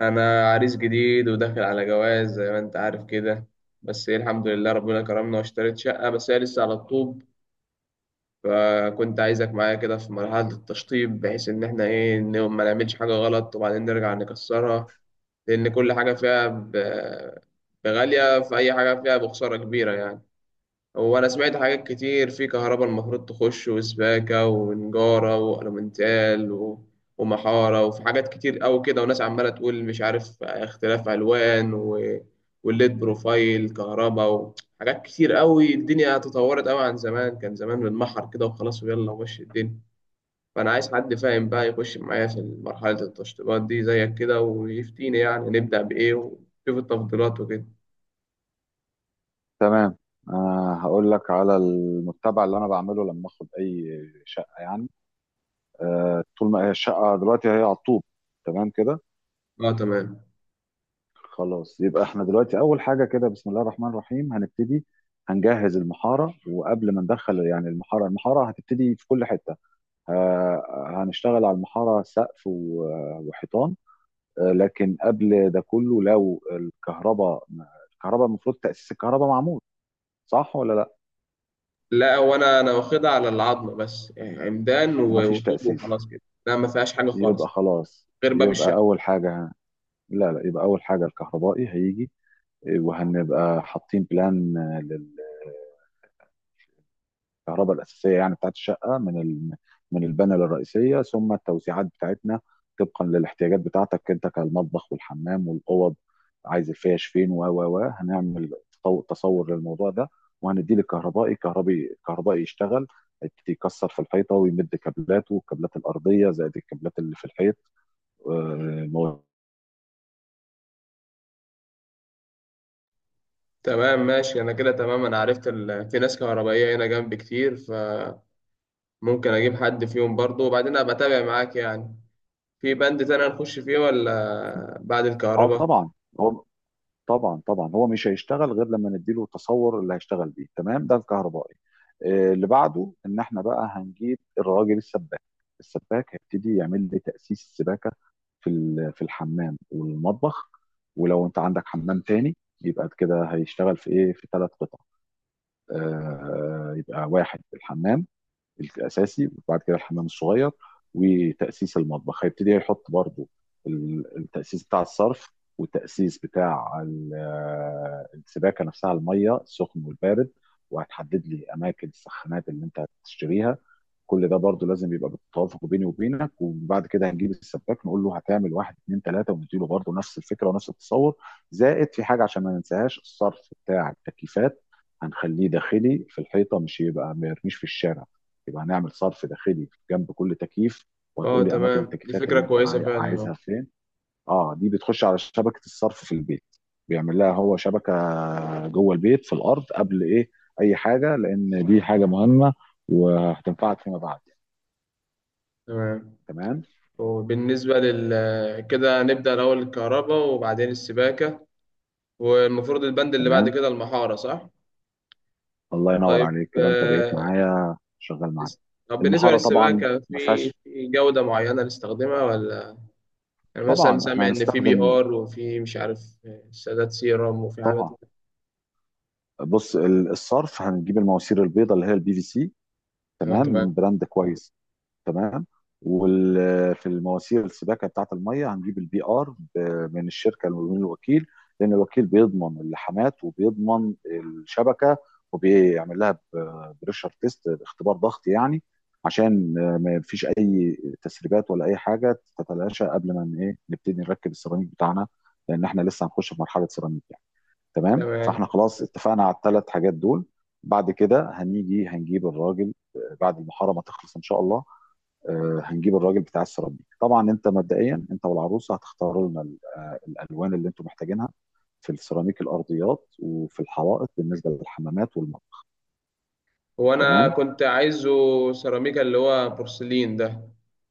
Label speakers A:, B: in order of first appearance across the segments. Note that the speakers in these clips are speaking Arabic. A: انا عريس جديد وداخل على جواز زي ما انت عارف كده. بس ايه، الحمد لله ربنا كرمنا واشتريت شقة، بس هي لسه على الطوب. فكنت عايزك معايا كده في مرحلة التشطيب، بحيث ان احنا ايه إن ما نعملش حاجة غلط وبعدين نرجع نكسرها، لان كل حاجة فيها بغالية، في اي حاجة فيها بخسارة كبيرة يعني. وانا سمعت حاجات كتير، في كهرباء المفروض تخش وسباكة ونجارة وألومنتال ومحارة، وفي حاجات كتير أوي كده، وناس عمالة تقول مش عارف اختلاف ألوان والليد بروفايل كهرباء، وحاجات كتير أوي. الدنيا تطورت أوي عن زمان، كان زمان بنمحر كده وخلاص ويلا ومشي الدنيا. فأنا عايز حد فاهم بقى يخش معايا في مرحلة التشطيبات دي زيك كده، ويفتيني يعني نبدأ بإيه ونشوف التفضيلات وكده.
B: تمام. هقول لك على المتبع اللي انا بعمله لما اخد اي شقه أه، طول ما هي الشقه دلوقتي هي على الطوب. تمام كده.
A: اه تمام.
B: خلاص، يبقى احنا دلوقتي اول حاجه كده بسم الله الرحمن الرحيم هنبتدي. هنجهز المحاره، وقبل ما ندخل يعني المحاره، هتبتدي في كل حته. أه، هنشتغل على المحاره سقف و- وحيطان. أه لكن قبل ده كله لو الكهرباء، المفروض تاسيس الكهرباء معمول، صح ولا لا؟
A: لا، وانا واخدها على العظمه، بس يعني عمدان
B: مفيش
A: وطوب
B: تاسيس؟
A: وخلاص كده. لا ما فيهاش حاجه
B: يبقى
A: خالص
B: خلاص،
A: غير باب
B: يبقى
A: الشقه.
B: أول حاجة. لا لا، يبقى أول حاجة الكهربائي هيجي، وهنبقى حاطين بلان للكهرباء الأساسية يعني بتاعت الشقة من من البانل الرئيسية، ثم التوسيعات بتاعتنا طبقا للاحتياجات بتاعتك أنت، كالمطبخ والحمام والأوض. عايز الفيش فين، و هنعمل تصور للموضوع ده وهنديه للكهربائي. كهربائي يشتغل يكسر في الحيطة ويمد كابلاته، والكابلات الأرضية زائد الكابلات اللي في الحيط.
A: تمام ماشي، انا كده تمام. انا عرفت في ناس كهربائيه هنا جنبي كتير، فممكن اجيب حد فيهم برضه، وبعدين ابقى اتابع معاك يعني. في بند تاني هنخش فيه ولا بعد
B: اه
A: الكهرباء؟
B: طبعا. هو طبعا هو مش هيشتغل غير لما نديله التصور اللي هيشتغل بيه، تمام؟ ده الكهربائي. آه، اللي بعده ان احنا بقى هنجيب الراجل السباك. السباك هيبتدي يعمل لي تأسيس السباكة في في الحمام والمطبخ، ولو انت عندك حمام تاني، يبقى كده هيشتغل في ايه، في ثلاث قطع. آه، يبقى واحد الحمام الاساسي، وبعد كده الحمام الصغير، وتاسيس المطبخ. هيبتدي يحط برضو التاسيس بتاع الصرف، والتاسيس بتاع السباكه نفسها، الميه السخن والبارد، وهتحدد لي اماكن السخانات اللي انت هتشتريها. كل ده برضه لازم يبقى بالتوافق بيني وبينك. وبعد كده هنجيب السباك نقول له هتعمل واحد اتنين تلاته، ونديله برضه نفس الفكره ونفس التصور. زائد في حاجه عشان ما ننساهاش، الصرف بتاع التكييفات هنخليه داخلي في الحيطه، مش يبقى ما يرميش في الشارع. يبقى هنعمل صرف داخلي جنب كل تكييف،
A: اه
B: وهتقول لي اماكن
A: تمام، دي
B: التكييفات
A: فكره
B: اللي انت
A: كويسه فعلا. اه
B: عايزها فين. اه دي بتخش على شبكه الصرف في البيت. بيعمل لها هو شبكه جوه البيت في الارض قبل ايه، اي حاجه، لان دي حاجه مهمه وهتنفعك فيما بعد.
A: تمام.
B: تمام.
A: وبالنسبه لل كده نبدا الاول الكهرباء وبعدين السباكه، والمفروض البند اللي بعد
B: تمام.
A: كده المحاره، صح؟
B: الله ينور
A: طيب
B: عليك، كده انت بقيت
A: آه،
B: معايا شغال معايا.
A: طب بالنسبة
B: المحاره طبعا
A: للسباكة،
B: ما
A: في
B: فيهاش.
A: في جودة معينة نستخدمها ولا يعني؟ مثلا
B: طبعا احنا
A: سامع إن في بي
B: هنستخدم.
A: آر، وفي مش عارف سادات سيرم وفي حاجات.
B: طبعا. بص، الصرف هنجيب المواسير البيضاء اللي هي البي في سي،
A: آه
B: تمام، من
A: تمام
B: براند كويس. تمام. وفي المواسير السباكه بتاعه الميه هنجيب البي ار، من الشركه من الوكيل، لان الوكيل بيضمن اللحامات، وبيضمن الشبكه، وبيعمل لها بريشر تيست، اختبار ضغط يعني، عشان ما فيش اي تسريبات ولا اي حاجه تتلاشى قبل ما ايه نبتدي نركب السيراميك بتاعنا، لان احنا لسه هنخش في مرحله سيراميك يعني. تمام، فاحنا
A: تمام.
B: خلاص اتفقنا على الثلاث حاجات دول. بعد كده هنيجي هنجيب الراجل، بعد المحاره ما تخلص ان شاء الله. آه، هنجيب الراجل بتاع السيراميك. طبعا انت مبدئيا انت والعروسه هتختاروا لنا الالوان اللي انتم محتاجينها في السيراميك الارضيات، وفي الحوائط بالنسبه للحمامات والمطبخ.
A: هو أنا
B: تمام.
A: كنت عايزه سيراميكا اللي هو بورسلين ده،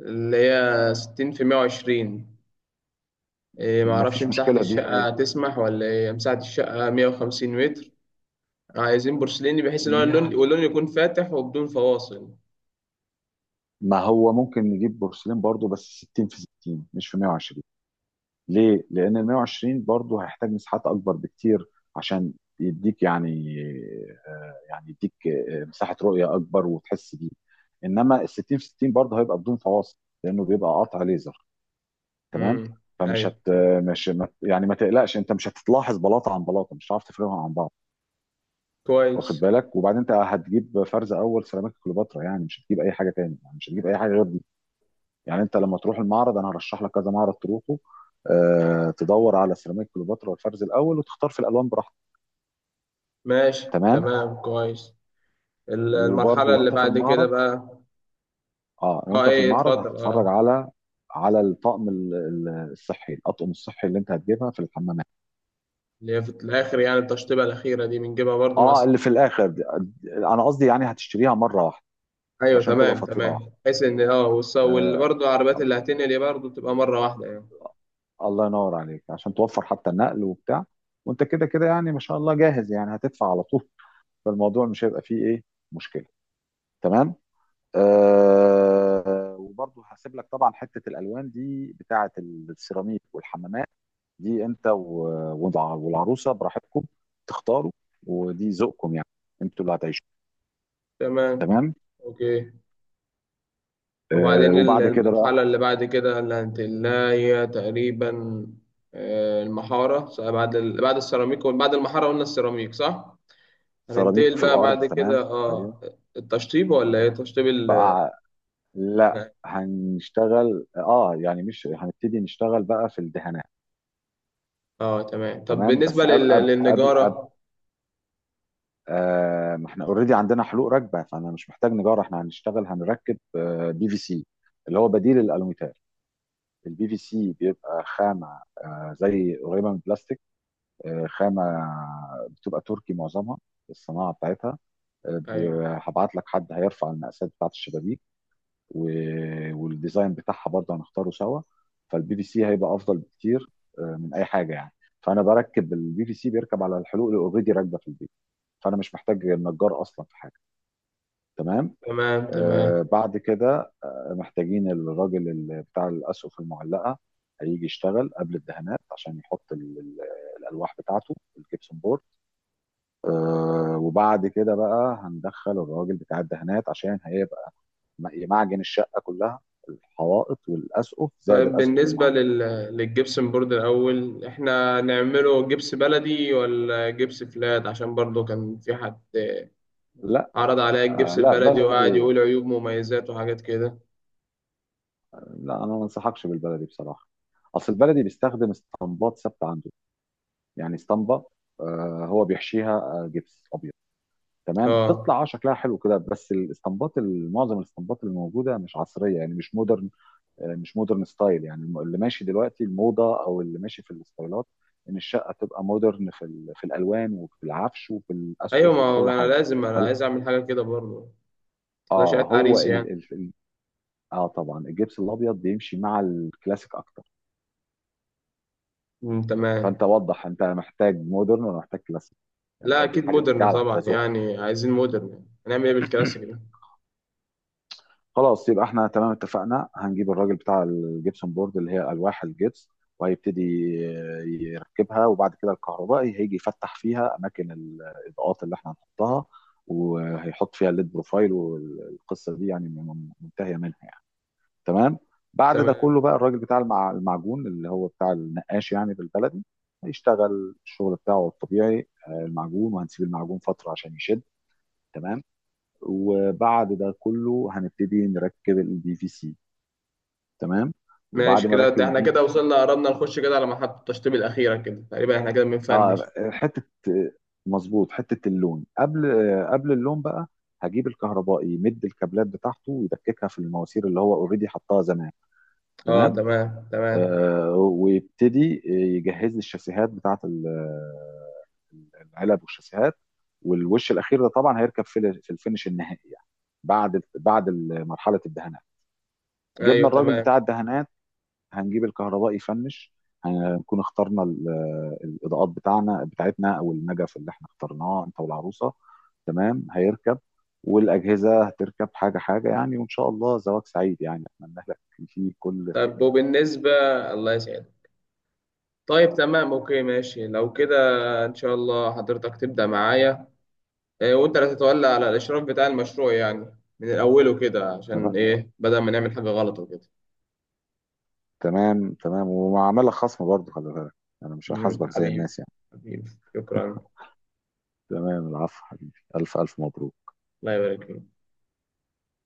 A: اللي هي 60 في 120. إيه معرفش
B: مفيش
A: مساحة
B: مشكله
A: الشقة
B: دي.
A: تسمح ولا إيه، مساحة الشقة 150 متر. عايزين بورسليني بحيث إن هو اللون
B: يعني
A: واللون يكون فاتح وبدون فواصل.
B: ما هو ممكن نجيب بورسلين برضو، بس 60 في 60 مش في 120. ليه؟ لأن ال 120 برضه هيحتاج مساحات أكبر بكتير، عشان يديك يعني، آه، يديك آه، مساحة رؤية أكبر وتحس بيه. إنما ال 60 في 60 برضه هيبقى بدون فواصل، لأنه بيبقى قطع ليزر، تمام؟
A: امم،
B: فمش
A: أيوه،
B: هت مش ما تقلقش، أنت مش هتلاحظ بلاطة عن بلاطة، مش هتعرف تفرقهم عن بعض. واخد
A: كويس.
B: بالك؟ وبعدين أنت هتجيب فرز أول سيراميك كليوباترا، يعني مش هتجيب أي حاجة تاني، يعني مش هتجيب أي حاجة غير، يعني انت لما تروح المعرض انا هرشح لك كذا معرض تروحه، آه، تدور على سيراميك كليوباترا والفرز الاول، وتختار في الالوان براحتك.
A: ماشي
B: تمام.
A: تمام كويس.
B: وبرضه
A: المرحلة اللي
B: وانت في
A: بعد كده
B: المعرض،
A: بقى.
B: اه
A: اه
B: وانت في
A: ايه
B: المعرض
A: اتفضل.
B: هتتفرج
A: اه
B: على، على الطقم الصحي، الاطقم الصحي اللي انت هتجيبها في الحمامات.
A: اللي هي في الآخر يعني التشطيبة الأخيرة دي بنجيبها برضو مع
B: اه
A: السرعة؟
B: اللي في الاخر دي، انا قصدي يعني هتشتريها مره واحده
A: أيوه
B: عشان تبقى
A: تمام
B: فاتوره
A: تمام،
B: واحده.
A: بحيث إن اه واللي
B: آه
A: برضو العربيات اللي هتنقل برضو تبقى مرة واحدة يعني.
B: الله ينور عليك، عشان توفر حتى النقل وبتاع. وانت كده كده يعني ما شاء الله جاهز، يعني هتدفع على طول، فالموضوع مش هيبقى فيه ايه، مشكله. تمام. آه وبرضه هسيب لك طبعا حته الالوان دي، بتاعه السيراميك والحمامات، دي انت والعروسه براحتكم تختاروا، ودي ذوقكم يعني، انتوا اللي هتعيشوا.
A: تمام.
B: تمام.
A: أوكي.
B: آه
A: وبعدين
B: وبعد كده بقى.
A: المرحلة اللي بعد كده اللي هنتقلها هي تقريبا آه، المحارة بعد بعد السيراميك، بعد المحارة قلنا السيراميك صح؟
B: سيراميك
A: هننتقل
B: في
A: بقى
B: الارض،
A: بعد
B: تمام.
A: كده،
B: ايوه.
A: اه التشطيب ولا ايه، تشطيب
B: بقى لا هنشتغل اه يعني مش هنبتدي نشتغل بقى في الدهانات.
A: اه تمام. طب
B: تمام
A: بالنسبة
B: بس قبل،
A: للنجارة.
B: آه، ما احنا اوريدي عندنا حلوق ركبه، فانا مش محتاج نجار، احنا هنشتغل هنركب بي في سي اللي هو بديل الالوميتال. البي في سي بيبقى خامه آه، زي قريبه من البلاستيك، آه، خامه بتبقى تركي معظمها الصناعه بتاعتها. آه،
A: ايوه
B: هبعت لك حد هيرفع المقاسات بتاعت الشبابيك والديزاين بتاعها برضه هنختاره سوا. فالبي في سي هيبقى افضل بكتير آه، من اي حاجه يعني. فانا بركب البي في سي بيركب على الحلوق اللي اوريدي راكبه في البيت، فانا مش محتاج نجار اصلا في حاجه. تمام.
A: تمام تمام.
B: آه بعد كده محتاجين الراجل اللي بتاع الأسقف المعلقة، هيجي يشتغل قبل الدهانات عشان يحط الألواح بتاعته الجبسون بورد. آه وبعد كده بقى هندخل الراجل بتاع الدهانات، عشان هيبقى يمعجن الشقة كلها، الحوائط والأسقف زائد
A: طيب
B: الأسقف
A: بالنسبة
B: المعلقة.
A: للجبسن بورد الأول، إحنا نعمله جبس بلدي ولا جبس فلات؟ عشان برضو كان في حد
B: لا،
A: عرض عليا
B: آه
A: الجبس
B: لا
A: البلدي وقعد
B: بلدي،
A: يقول عيوب مميزات وحاجات كده.
B: لا أنا ما انصحكش بالبلدي بصراحة. أصل البلدي بيستخدم اسطمبات ثابتة عنده، يعني اسطمبة آه هو بيحشيها آه، جبس أبيض، تمام، تطلع
A: اه.
B: اه شكلها حلو كده، بس الاسطمبات معظم الاسطمبات اللي موجوده مش عصريه، يعني مش مودرن، آه، مش مودرن ستايل. يعني اللي ماشي دلوقتي الموضه، او اللي ماشي في الستايلات، ان الشقه تبقى مودرن في في الالوان وفي العفش وفي الاسقف
A: أيوة، ما
B: وفي
A: هو
B: كل حاجه.
A: أنا
B: فال-
A: عايز أعمل حاجة كده برضو، لا
B: اه
A: شقة
B: هو
A: عريس يعني.
B: ال ال ال- اه طبعا الجبس الابيض بيمشي مع الكلاسيك اكتر.
A: أمم،
B: فانت
A: تمام.
B: وضح انت محتاج مودرن ولا محتاج كلاسيك، يعني
A: لا
B: برضه
A: أكيد
B: الحاجه
A: مودرن
B: ترجع لك،
A: طبعا،
B: ده ذوق.
A: يعني عايزين مودرن يعني. هنعمل إيه بالكلاسيك ده؟
B: خلاص يبقى احنا تمام اتفقنا، هنجيب الراجل بتاع الجبسون بورد اللي هي الواح الجبس، وهيبتدي يركبها. وبعد كده الكهربائي هيجي يفتح فيها اماكن الاضاءات اللي احنا هنحطها، وهيحط فيها الليد بروفايل، والقصه دي يعني منتهيه منها يعني. تمام. بعد ده
A: تمام
B: كله بقى الراجل بتاع المعجون اللي هو بتاع النقاش يعني بالبلدي، هيشتغل الشغل بتاعه الطبيعي آه، المعجون، وهنسيب المعجون فتره عشان يشد. تمام. وبعد ده كله هنبتدي نركب البي في سي. تمام. وبعد
A: ماشي
B: ما
A: كده.
B: اركب
A: ده إحنا
B: البي في
A: كده
B: سي،
A: وصلنا، قربنا نخش كده على محطة التشطيب الأخيرة كده، تقريبا إحنا كده
B: اه
A: بنفنش.
B: حته، مظبوط حته اللون، قبل قبل اللون بقى، هجيب الكهربائي يمد الكابلات بتاعته ويدككها في المواسير اللي هو اوريدي حطها زمان.
A: اه
B: تمام.
A: تمام تمام.
B: آه ويبتدي يجهز لي الشاسيهات بتاعت العلب والشاسيهات، والوش الاخير ده طبعا هيركب في في الفينش النهائي يعني، بعد مرحله الدهانات.
A: ايوه
B: جبنا الراجل
A: تمام.
B: بتاع الدهانات، هنجيب الكهرباء يفنش، هنكون اخترنا الاضاءات بتاعتنا، او النجف اللي احنا اخترناه انت والعروسه. تمام، هيركب، والاجهزه هتركب حاجه حاجه يعني. وان شاء الله زواج سعيد يعني، اتمنى لك فيه كل خير.
A: طب وبالنسبة. الله يسعدك. طيب تمام اوكي ماشي، لو كده ان شاء الله حضرتك تبدأ معايا، إيه وانت اللي تتولى على الاشراف بتاع المشروع يعني من الاول كده،
B: تمام
A: عشان ايه بدل ما نعمل حاجة غلط وكده.
B: تمام تمام، ومع عملك خصم برضه، خلي بالك، انا مش
A: مم،
B: هحاسبك زي
A: حبيبي.
B: الناس يعني.
A: حبيبي. شكرا.
B: تمام، العفو حبيبي، الف الف مبروك.
A: الله يبارك فيك.